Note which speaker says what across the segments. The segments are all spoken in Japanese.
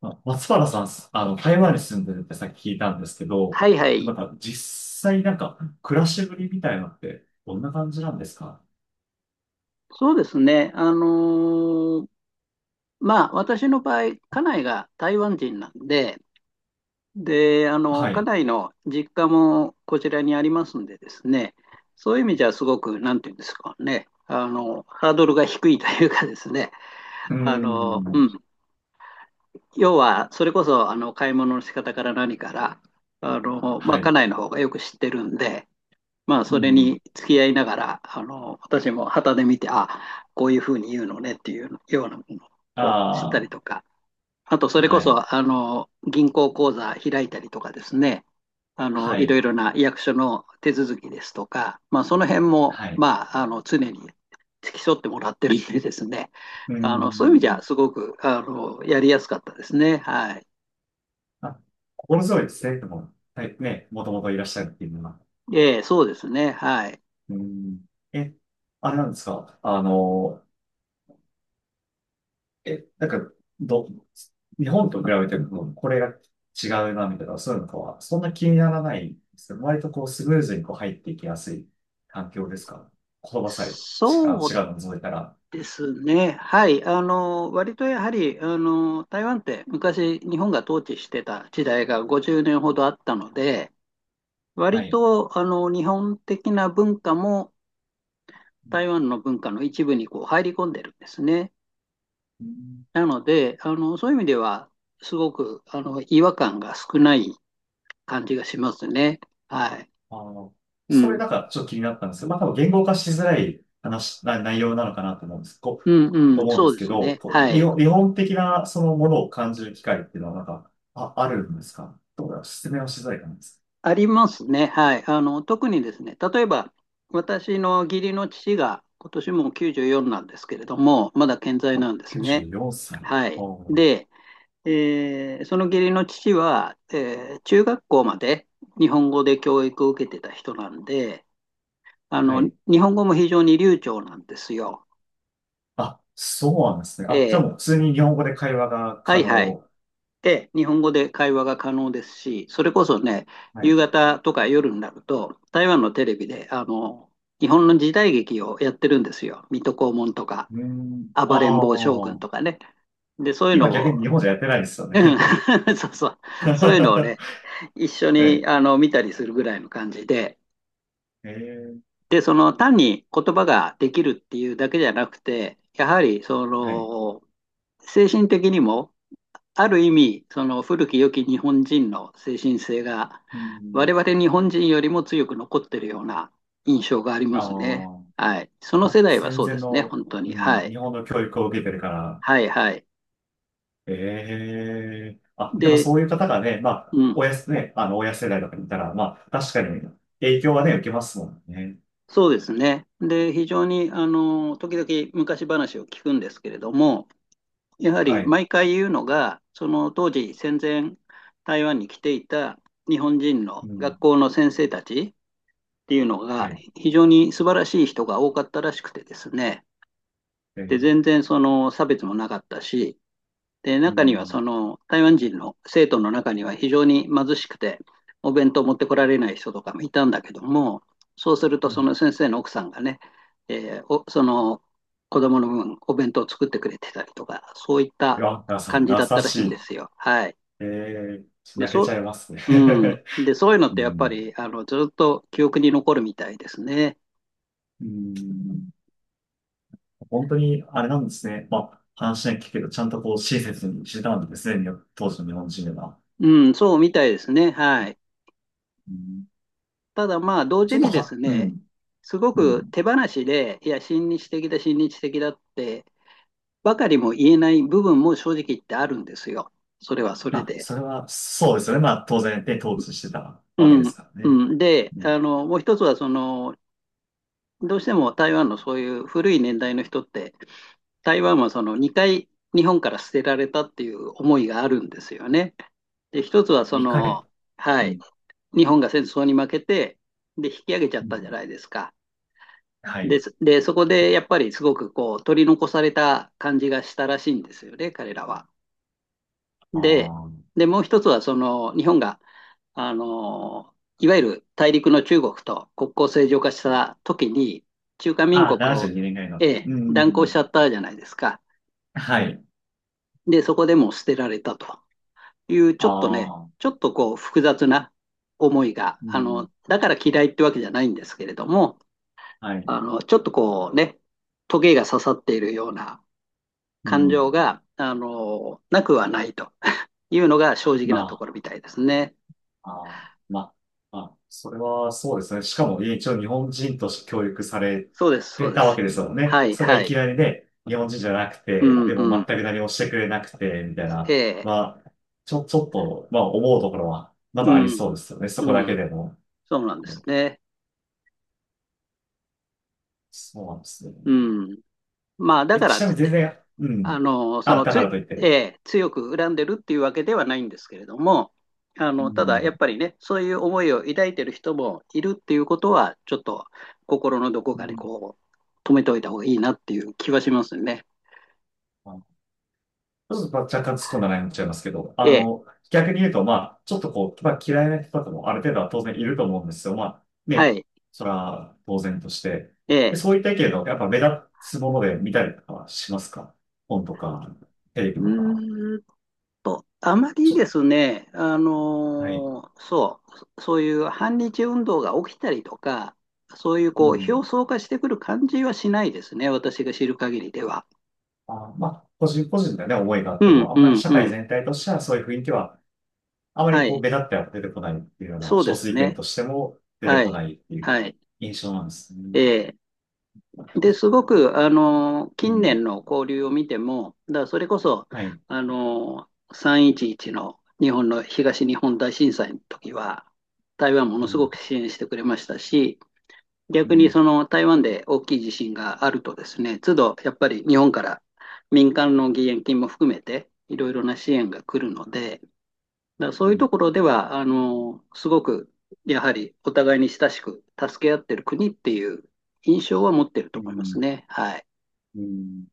Speaker 1: あ、松原さん、台湾に住んでるってさっき聞いたんですけど、
Speaker 2: はいは
Speaker 1: な
Speaker 2: い。
Speaker 1: んか実際なんか暮らしぶりみたいなのってどんな感じなんですか？
Speaker 2: そうですね。まあ、私の場合、家内が台湾人なんで、で、
Speaker 1: は
Speaker 2: 家
Speaker 1: い。
Speaker 2: 内の実家もこちらにありますんでですね、そういう意味じゃすごく、なんていうんですかね、ハードルが低いというかですね、
Speaker 1: うー
Speaker 2: あの、う
Speaker 1: ん。
Speaker 2: ん。要は、それこそ、買い物の仕方から何から、ま
Speaker 1: は
Speaker 2: あ、家
Speaker 1: い。
Speaker 2: 内の方がよく知ってるんで、まあ、
Speaker 1: う
Speaker 2: それ
Speaker 1: ん。
Speaker 2: に付き合いながら、私も旗で見て、あ、こういうふうに言うのねっていうようなものをこう知った
Speaker 1: あ
Speaker 2: りとか、あと、そ
Speaker 1: あ、
Speaker 2: れこ
Speaker 1: はい。
Speaker 2: そ、銀行口座開いたりとかですね、
Speaker 1: は
Speaker 2: いろ
Speaker 1: い。
Speaker 2: いろな役所の手続きですとか、まあ、その辺も、
Speaker 1: はい。
Speaker 2: まあ、常に付き添ってもらってるんでですね、
Speaker 1: うー
Speaker 2: そういう意味じ
Speaker 1: ん。
Speaker 2: ゃ、すごく、やりやすかったですね。はい。
Speaker 1: あ、心強いですね。でも、はい、ね、もともといらっしゃるっていうのは。
Speaker 2: ええ、そうですね。はい。
Speaker 1: うーん。え、あれなんですか？なんか、ど、日本と比べても、これが違うな、みたいな、そういうのとは、そんな気にならないんですよ。割とスムーズに入っていきやすい環境ですか？言葉さえ、
Speaker 2: そう
Speaker 1: 違うの除いたら。
Speaker 2: ですね。はい。割とやはり、台湾って昔日本が統治してた時代が50年ほどあったので、
Speaker 1: は
Speaker 2: 割
Speaker 1: い。
Speaker 2: と、日本的な文化も台湾の文化の一部にこう入り込んでるんですね。
Speaker 1: うん。
Speaker 2: なので、そういう意味では、すごく、違和感が少ない感じがしますね。はい。
Speaker 1: あの、
Speaker 2: う
Speaker 1: それ
Speaker 2: ん。
Speaker 1: なんかちょっと気になったんですけど、まあ多分言語化しづらい話、な内容なのかなと思うんです。
Speaker 2: うんう
Speaker 1: と
Speaker 2: ん。
Speaker 1: 思うん
Speaker 2: そ
Speaker 1: で
Speaker 2: う
Speaker 1: す
Speaker 2: で
Speaker 1: け
Speaker 2: す
Speaker 1: ど、
Speaker 2: ね。
Speaker 1: こ
Speaker 2: は
Speaker 1: う、
Speaker 2: い。
Speaker 1: 日本的なそのものを感じる機会っていうのはなんか、あ、あるんですか？どうだろう、説明はしづらいかなんです。
Speaker 2: ありますね。はい。特にですね、例えば、私の義理の父が、今年もう94なんですけれども、まだ健在
Speaker 1: あ、
Speaker 2: なんです
Speaker 1: 94
Speaker 2: ね。
Speaker 1: 歳。
Speaker 2: は
Speaker 1: あ
Speaker 2: い。
Speaker 1: ー、
Speaker 2: で、その義理の父は、中学校まで日本語で教育を受けてた人なんで、あ
Speaker 1: は
Speaker 2: の、
Speaker 1: い。
Speaker 2: 日本語も非常に流暢なんですよ。
Speaker 1: あ、そうなんですね。
Speaker 2: え
Speaker 1: あ、じゃあ
Speaker 2: ー
Speaker 1: もう普通に日本語で会話が
Speaker 2: は
Speaker 1: 可
Speaker 2: いはい。
Speaker 1: 能。
Speaker 2: で、日本語で会話が可能ですし、それこそね、
Speaker 1: はい。
Speaker 2: 夕
Speaker 1: う
Speaker 2: 方とか夜になると、台湾のテレビで、日本の時代劇をやってるんですよ。水戸黄門とか、
Speaker 1: ーん。あ
Speaker 2: 暴れん坊将軍
Speaker 1: あ。
Speaker 2: とかね。で、そういう
Speaker 1: 今
Speaker 2: の
Speaker 1: 逆
Speaker 2: を、
Speaker 1: に日本じゃやってないですよ
Speaker 2: うん。
Speaker 1: ね。
Speaker 2: そうそう、そういうのを
Speaker 1: は
Speaker 2: ね、一緒に
Speaker 1: い。
Speaker 2: あの見たりするぐらいの感じで、
Speaker 1: えー、
Speaker 2: で、その単に言葉ができるっていうだけじゃなくて、やはりそ
Speaker 1: はい。
Speaker 2: の精神的にもある意味、その古き良き日本人の精神性が、
Speaker 1: う
Speaker 2: 我
Speaker 1: ん。
Speaker 2: 々日本人よりも強く残ってるような印象がありますね。
Speaker 1: あ
Speaker 2: はい。その
Speaker 1: あ。
Speaker 2: 世
Speaker 1: あ、
Speaker 2: 代は
Speaker 1: 戦
Speaker 2: そう
Speaker 1: 前
Speaker 2: ですね、
Speaker 1: の、
Speaker 2: 本当
Speaker 1: う
Speaker 2: に。は
Speaker 1: ん、日
Speaker 2: い。
Speaker 1: 本の教育を受けてるから。
Speaker 2: はい、はい。
Speaker 1: ええ、あ、でも
Speaker 2: で、
Speaker 1: そういう方がね、まあ、
Speaker 2: うん。
Speaker 1: ね、親世代とかにいたら、まあ、確かに影響はね、受けますもんね。
Speaker 2: そうですね。で、非常に、時々昔話を聞くんですけれども、やは
Speaker 1: は
Speaker 2: り
Speaker 1: い。
Speaker 2: 毎回言うのが、その当時戦前台湾に来ていた日本人
Speaker 1: う
Speaker 2: の
Speaker 1: ん。
Speaker 2: 学校の先生たち、っていうの
Speaker 1: は
Speaker 2: が
Speaker 1: い。
Speaker 2: 非常に素晴らしい人が多かったらしくてですね。
Speaker 1: え
Speaker 2: で、
Speaker 1: ー、
Speaker 2: 全然その差別もなかったし、で、
Speaker 1: う
Speaker 2: 中には
Speaker 1: ん。
Speaker 2: その台湾人の生徒の中には非常に貧しくて、お弁当持ってこられない人とかもいたんだけども、そうすると
Speaker 1: う
Speaker 2: そ
Speaker 1: ん、
Speaker 2: の先生の奥さんがね、えーおその子供の分お弁当を作ってくれてたりとか、そういっ
Speaker 1: い
Speaker 2: た
Speaker 1: や、なさん、
Speaker 2: 感じだった
Speaker 1: 優
Speaker 2: ら
Speaker 1: し
Speaker 2: しいんで
Speaker 1: い。
Speaker 2: すよ。はい。
Speaker 1: えー、
Speaker 2: で、
Speaker 1: 泣け
Speaker 2: そ
Speaker 1: ちゃいますね。
Speaker 2: う、うん。で、そういうの っ
Speaker 1: う
Speaker 2: てやっぱ
Speaker 1: ん。
Speaker 2: りあのずっと記憶に残るみたいですね。
Speaker 1: うん。本当に、あれなんですね。まあ、話は聞くけど、ちゃんとこう、親切にしてたんですね、当時の日本人は。
Speaker 2: うん、そうみたいですね。はい。
Speaker 1: うん、
Speaker 2: ただまあ、同
Speaker 1: ち
Speaker 2: 時
Speaker 1: ょっと
Speaker 2: にです
Speaker 1: は、う
Speaker 2: ね、
Speaker 1: ん。
Speaker 2: すご
Speaker 1: う
Speaker 2: く
Speaker 1: ん。
Speaker 2: 手放しで、いや、親日的だ、親日的だって、ばかりも言えない部分も正直言ってあるんですよ。それはそ
Speaker 1: ま
Speaker 2: れ
Speaker 1: あ、
Speaker 2: で。
Speaker 1: それは、そうですよね。まあ、当然、ね、統治してたわけで
Speaker 2: うん。
Speaker 1: すからね。
Speaker 2: うん、で、
Speaker 1: うん。
Speaker 2: もう一つは、その、どうしても台湾のそういう古い年代の人って、台湾はその2回日本から捨てられたっていう思いがあるんですよね。で、一つはそ
Speaker 1: 2回。
Speaker 2: の、は
Speaker 1: う
Speaker 2: い、
Speaker 1: ん。
Speaker 2: 日本が戦争に負けて、で、引き上げちゃ
Speaker 1: う
Speaker 2: っ
Speaker 1: ん、
Speaker 2: たじゃないですか。
Speaker 1: は
Speaker 2: で
Speaker 1: い。
Speaker 2: す。で、そこでやっぱりすごくこう取り残された感じがしたらしいんですよね、彼らは。で、
Speaker 1: あ
Speaker 2: で、もう一つはその日本が、あの、いわゆる大陸の中国と国交正常化した時に、中華民
Speaker 1: あ、あー、
Speaker 2: 国
Speaker 1: 72
Speaker 2: を、
Speaker 1: 年ぐらいの。
Speaker 2: ええ、
Speaker 1: う
Speaker 2: 断交しち
Speaker 1: ん。
Speaker 2: ゃったじゃないですか。
Speaker 1: はい。
Speaker 2: で、そこでもう捨てられたという、ちょっとね、
Speaker 1: ああ、
Speaker 2: ちょっとこう複雑な思いが、
Speaker 1: うん。
Speaker 2: だから嫌いってわけじゃないんですけれども、
Speaker 1: はい。
Speaker 2: ちょっとこうね、トゲが刺さっているような
Speaker 1: う
Speaker 2: 感
Speaker 1: ん。
Speaker 2: 情が、なくはないというのが正直
Speaker 1: ま
Speaker 2: なところみたいですね。
Speaker 1: あ、あー、まあ、まあ、それはそうですね。しかも、一応日本人として教育され
Speaker 2: そうです、そ
Speaker 1: て
Speaker 2: うで
Speaker 1: たわ
Speaker 2: す。
Speaker 1: けですもんね。
Speaker 2: はい、
Speaker 1: それが
Speaker 2: は
Speaker 1: い
Speaker 2: い。
Speaker 1: きなりね、日本人じゃなく
Speaker 2: う
Speaker 1: て、
Speaker 2: ん、
Speaker 1: でも
Speaker 2: う
Speaker 1: 全
Speaker 2: ん。
Speaker 1: く何もしてくれなくて、みたい
Speaker 2: え
Speaker 1: な。
Speaker 2: え、
Speaker 1: まあ、ちょっと、まあ、思うところは、ま
Speaker 2: う
Speaker 1: だあり
Speaker 2: ん、
Speaker 1: そうですよね。そ
Speaker 2: う
Speaker 1: こだけ
Speaker 2: ん。
Speaker 1: でも。
Speaker 2: そうなんです
Speaker 1: ね、
Speaker 2: ね。
Speaker 1: そうなんですよ
Speaker 2: う
Speaker 1: ね。
Speaker 2: ん。まあ、だ
Speaker 1: え、
Speaker 2: から
Speaker 1: ち
Speaker 2: っ
Speaker 1: な
Speaker 2: つ
Speaker 1: み
Speaker 2: っ
Speaker 1: に全
Speaker 2: てね、
Speaker 1: 然、う
Speaker 2: あ
Speaker 1: ん。
Speaker 2: の、そ
Speaker 1: あ、だ
Speaker 2: の
Speaker 1: から
Speaker 2: つ、
Speaker 1: といっ
Speaker 2: え
Speaker 1: て。
Speaker 2: え、強く恨んでるっていうわけではないんですけれども、
Speaker 1: う
Speaker 2: ただ、やっ
Speaker 1: ん。
Speaker 2: ぱりね、そういう思いを抱いてる人もいるっていうことは、ちょっと心のどこ
Speaker 1: う
Speaker 2: かに
Speaker 1: ん、
Speaker 2: こう、止めておいた方がいいなっていう気はしますね。
Speaker 1: あ、ちょっと若干突っ込んだ内容になっちゃいますけど、
Speaker 2: ええ、
Speaker 1: 逆に言うと、まあ、ちょっとこう、まあ、嫌いな人とかもある程度は当然いると思うんですよ。まあ、
Speaker 2: は
Speaker 1: ね、
Speaker 2: い。
Speaker 1: それは当然として。
Speaker 2: え
Speaker 1: で、
Speaker 2: え、
Speaker 1: そういった意見の、やっぱ目立つもので見たりとかはしますか？本とか、テレビ
Speaker 2: う
Speaker 1: とか。
Speaker 2: ーんあまり
Speaker 1: ちょっ
Speaker 2: で
Speaker 1: と、
Speaker 2: すね、
Speaker 1: はい。
Speaker 2: そういう反日運動が起きたりとか、そういう
Speaker 1: う
Speaker 2: こう
Speaker 1: ん。
Speaker 2: 表層化してくる感じはしないですね、私が知る限りでは。
Speaker 1: あ、まあ、個人個人でね、思いがあっ
Speaker 2: う
Speaker 1: て
Speaker 2: ん
Speaker 1: も、あ
Speaker 2: う
Speaker 1: んまり
Speaker 2: ん
Speaker 1: 社
Speaker 2: う
Speaker 1: 会
Speaker 2: ん。
Speaker 1: 全体としてはそういう雰囲気は、あま
Speaker 2: は
Speaker 1: りこう、
Speaker 2: い、
Speaker 1: 目立っては出てこないっていうような、
Speaker 2: そうで
Speaker 1: 少数
Speaker 2: す
Speaker 1: 意見
Speaker 2: ね。
Speaker 1: としても出て
Speaker 2: は
Speaker 1: こ
Speaker 2: い、
Speaker 1: ないっていう
Speaker 2: はい。
Speaker 1: 印象なんですね。
Speaker 2: ええで、すごく、
Speaker 1: う
Speaker 2: 近
Speaker 1: ん。
Speaker 2: 年の交流を見ても、だからそれこそ、
Speaker 1: はい。
Speaker 2: 311の日本の東日本大震災の時は、台湾も
Speaker 1: う
Speaker 2: のす
Speaker 1: ん。
Speaker 2: ごく支援してくれましたし、
Speaker 1: う
Speaker 2: 逆に
Speaker 1: ん、
Speaker 2: その台湾で大きい地震があるとですね、都度やっぱり日本から民間の義援金も含めて、いろいろな支援が来るので、だからそ
Speaker 1: う
Speaker 2: ういうと
Speaker 1: ん、
Speaker 2: ころでは、すごく、やはりお互いに親しく助け合ってる国っていう印象は持ってる
Speaker 1: う
Speaker 2: と思います
Speaker 1: ん、
Speaker 2: ね。はい。
Speaker 1: うん、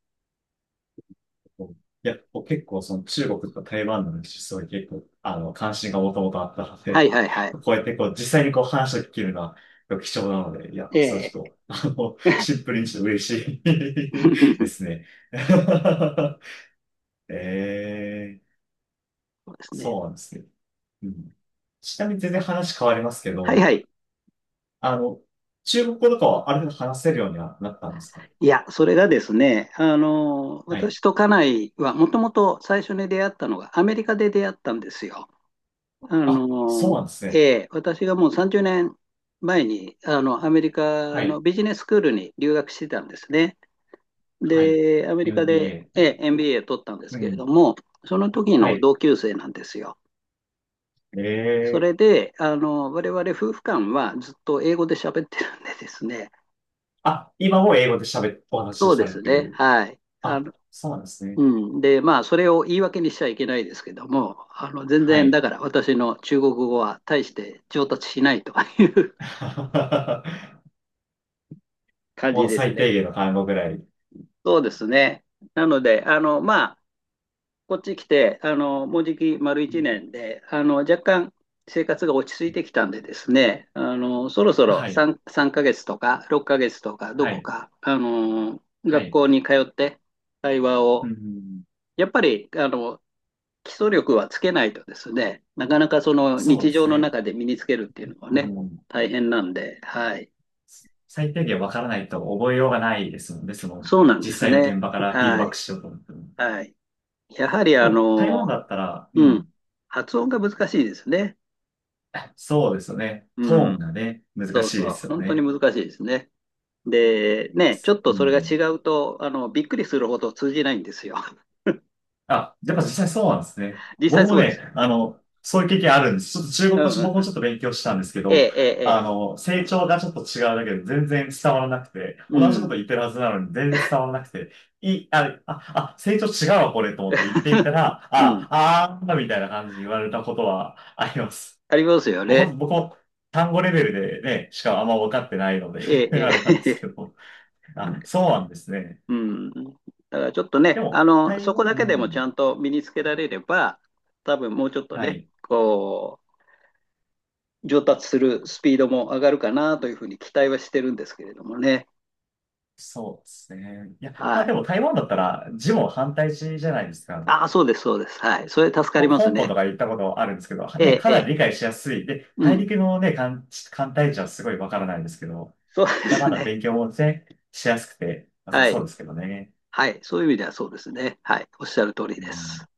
Speaker 1: そう、いや、僕結構その中国と台湾の話、すごい結構、関心がもともとあったの
Speaker 2: はい
Speaker 1: で、
Speaker 2: はいはい。
Speaker 1: こうやってこう、実際にこう話を聞けるのは貴重なので、いや、
Speaker 2: え
Speaker 1: それちょ
Speaker 2: え。
Speaker 1: っと、シンプルにして嬉しい です ね。えー、
Speaker 2: そうですね。
Speaker 1: そうなんですね。うん。ちなみに全然話変わりますけ
Speaker 2: はいは
Speaker 1: ど、
Speaker 2: い。
Speaker 1: あの、中国語とかはある程度話せるようにはなったんですか？
Speaker 2: いや、それがですね、
Speaker 1: はい。
Speaker 2: 私と家内はもともと最初に出会ったのがアメリカで出会ったんですよ。あ
Speaker 1: あ、そうな
Speaker 2: の、
Speaker 1: んです
Speaker 2: え
Speaker 1: ね。
Speaker 2: え、私がもう30年前に、アメリカ
Speaker 1: は
Speaker 2: の
Speaker 1: い。
Speaker 2: ビジネススクールに留学してたんですね。
Speaker 1: はい。
Speaker 2: で、アメリカで、
Speaker 1: MBA って。
Speaker 2: MBA 取ったんです
Speaker 1: う
Speaker 2: けれ
Speaker 1: ん。
Speaker 2: ども、その時
Speaker 1: は
Speaker 2: の
Speaker 1: い。
Speaker 2: 同級生なんですよ。そ
Speaker 1: ええ、
Speaker 2: れで、我々夫婦間はずっと英語で喋ってるんでですね、
Speaker 1: あ、今も英語で喋っ、お話
Speaker 2: そ
Speaker 1: し
Speaker 2: う
Speaker 1: さ
Speaker 2: で
Speaker 1: れ
Speaker 2: す
Speaker 1: て
Speaker 2: ね、
Speaker 1: る。
Speaker 2: はい。
Speaker 1: あ、そうなんですね。
Speaker 2: うで、まあ、それを言い訳にしちゃいけないですけども、全
Speaker 1: は
Speaker 2: 然、だ
Speaker 1: い。
Speaker 2: から私の中国語は大して上達しないという 感
Speaker 1: も
Speaker 2: じ
Speaker 1: う
Speaker 2: です
Speaker 1: 最
Speaker 2: ね。
Speaker 1: 低限の単語ぐらい。う
Speaker 2: そうですね。なので、ま、こっち来て、もうじき丸一
Speaker 1: ん、
Speaker 2: 年で、若干生活が落ち着いてきたんでですね、そろそろ
Speaker 1: はい。
Speaker 2: 3ヶ月とか6ヶ月とか、ど
Speaker 1: は
Speaker 2: こ
Speaker 1: い。
Speaker 2: か、
Speaker 1: は
Speaker 2: 学
Speaker 1: い。
Speaker 2: 校に通って会話
Speaker 1: う
Speaker 2: を、
Speaker 1: ん。
Speaker 2: やっぱり、基礎力はつけないとですね、なかなかその
Speaker 1: そう
Speaker 2: 日
Speaker 1: で
Speaker 2: 常
Speaker 1: す
Speaker 2: の
Speaker 1: ね。
Speaker 2: 中で身につけるっていうのは
Speaker 1: う
Speaker 2: ね、
Speaker 1: ん。
Speaker 2: 大変なんで、はい。
Speaker 1: 最低限わからないと覚えようがないですもんね。その、
Speaker 2: そうなんです
Speaker 1: 実際の
Speaker 2: ね。
Speaker 1: 現場からフィード
Speaker 2: は
Speaker 1: バッ
Speaker 2: い。
Speaker 1: クしようと思っても。
Speaker 2: はい。やはり、
Speaker 1: でも、台湾だったら、う
Speaker 2: うん、
Speaker 1: ん。
Speaker 2: 発音が難しいですね。
Speaker 1: そうですよね。トー
Speaker 2: う
Speaker 1: ン
Speaker 2: ん。
Speaker 1: がね、難
Speaker 2: そう
Speaker 1: しいで
Speaker 2: そう、
Speaker 1: すよ
Speaker 2: 本当に
Speaker 1: ね。
Speaker 2: 難しいですね。で、ね、ちょっ
Speaker 1: う
Speaker 2: とそれが
Speaker 1: ん。
Speaker 2: 違うと、びっくりするほど通じないんですよ。
Speaker 1: あ、やっぱ実際そうなんですね。
Speaker 2: 実際
Speaker 1: 僕も
Speaker 2: そうで
Speaker 1: ね、
Speaker 2: す。
Speaker 1: そういう経験あるんです。ちょっと中
Speaker 2: う
Speaker 1: 国語、
Speaker 2: んうん
Speaker 1: 僕
Speaker 2: う
Speaker 1: も
Speaker 2: ん。
Speaker 1: ちょっと勉強したんですけ
Speaker 2: え
Speaker 1: ど、
Speaker 2: え、ええ、ええ。
Speaker 1: 成長がちょっと違うだけで全然伝わらなくて、
Speaker 2: う
Speaker 1: 同じこ
Speaker 2: ん、
Speaker 1: と言ってるはずなのに全然伝わらなくて、い、あ、あ、あ、成長違うわ、これと思って言っ てみたら、
Speaker 2: うん。
Speaker 1: あ、あー、みたいな感じに言われたことはあります。
Speaker 2: ありますよ
Speaker 1: もう
Speaker 2: ね。
Speaker 1: 本当僕も単語レベルでね、しかあんま分かってないので
Speaker 2: え え、
Speaker 1: あれなんで
Speaker 2: え
Speaker 1: すけ
Speaker 2: え、
Speaker 1: ど、あ、そうなんですね。
Speaker 2: うん。だからちょっと
Speaker 1: で
Speaker 2: ね、
Speaker 1: も、タイ
Speaker 2: そこ
Speaker 1: ム、
Speaker 2: だけ
Speaker 1: う
Speaker 2: でもちゃ
Speaker 1: ん、
Speaker 2: んと身につけられれば、多分もうちょっと
Speaker 1: は
Speaker 2: ね、
Speaker 1: い。
Speaker 2: こう、上達するスピードも上がるかなというふうに期待はしてるんですけれどもね。
Speaker 1: そうですね。いや、ま
Speaker 2: は
Speaker 1: あ
Speaker 2: い。
Speaker 1: でも台湾だったら字も反対字じゃないですか。
Speaker 2: ああ、そうです、そうです。はい。それ助かります
Speaker 1: 香港
Speaker 2: ね。
Speaker 1: とか行ったことあるんですけど、
Speaker 2: え
Speaker 1: ね、
Speaker 2: え、
Speaker 1: か
Speaker 2: え
Speaker 1: な
Speaker 2: え。
Speaker 1: り理解しやすい。で、
Speaker 2: う
Speaker 1: 大
Speaker 2: ん。
Speaker 1: 陸のね、簡体字はすごいわからないんですけど、
Speaker 2: そうで
Speaker 1: だま
Speaker 2: す
Speaker 1: だ
Speaker 2: ね。
Speaker 1: 勉強もね、しやすくて良さ
Speaker 2: は
Speaker 1: そう
Speaker 2: い。
Speaker 1: ですけどね。
Speaker 2: はい。そういう意味ではそうですね。はい。おっしゃる通り
Speaker 1: う
Speaker 2: で
Speaker 1: ん
Speaker 2: す。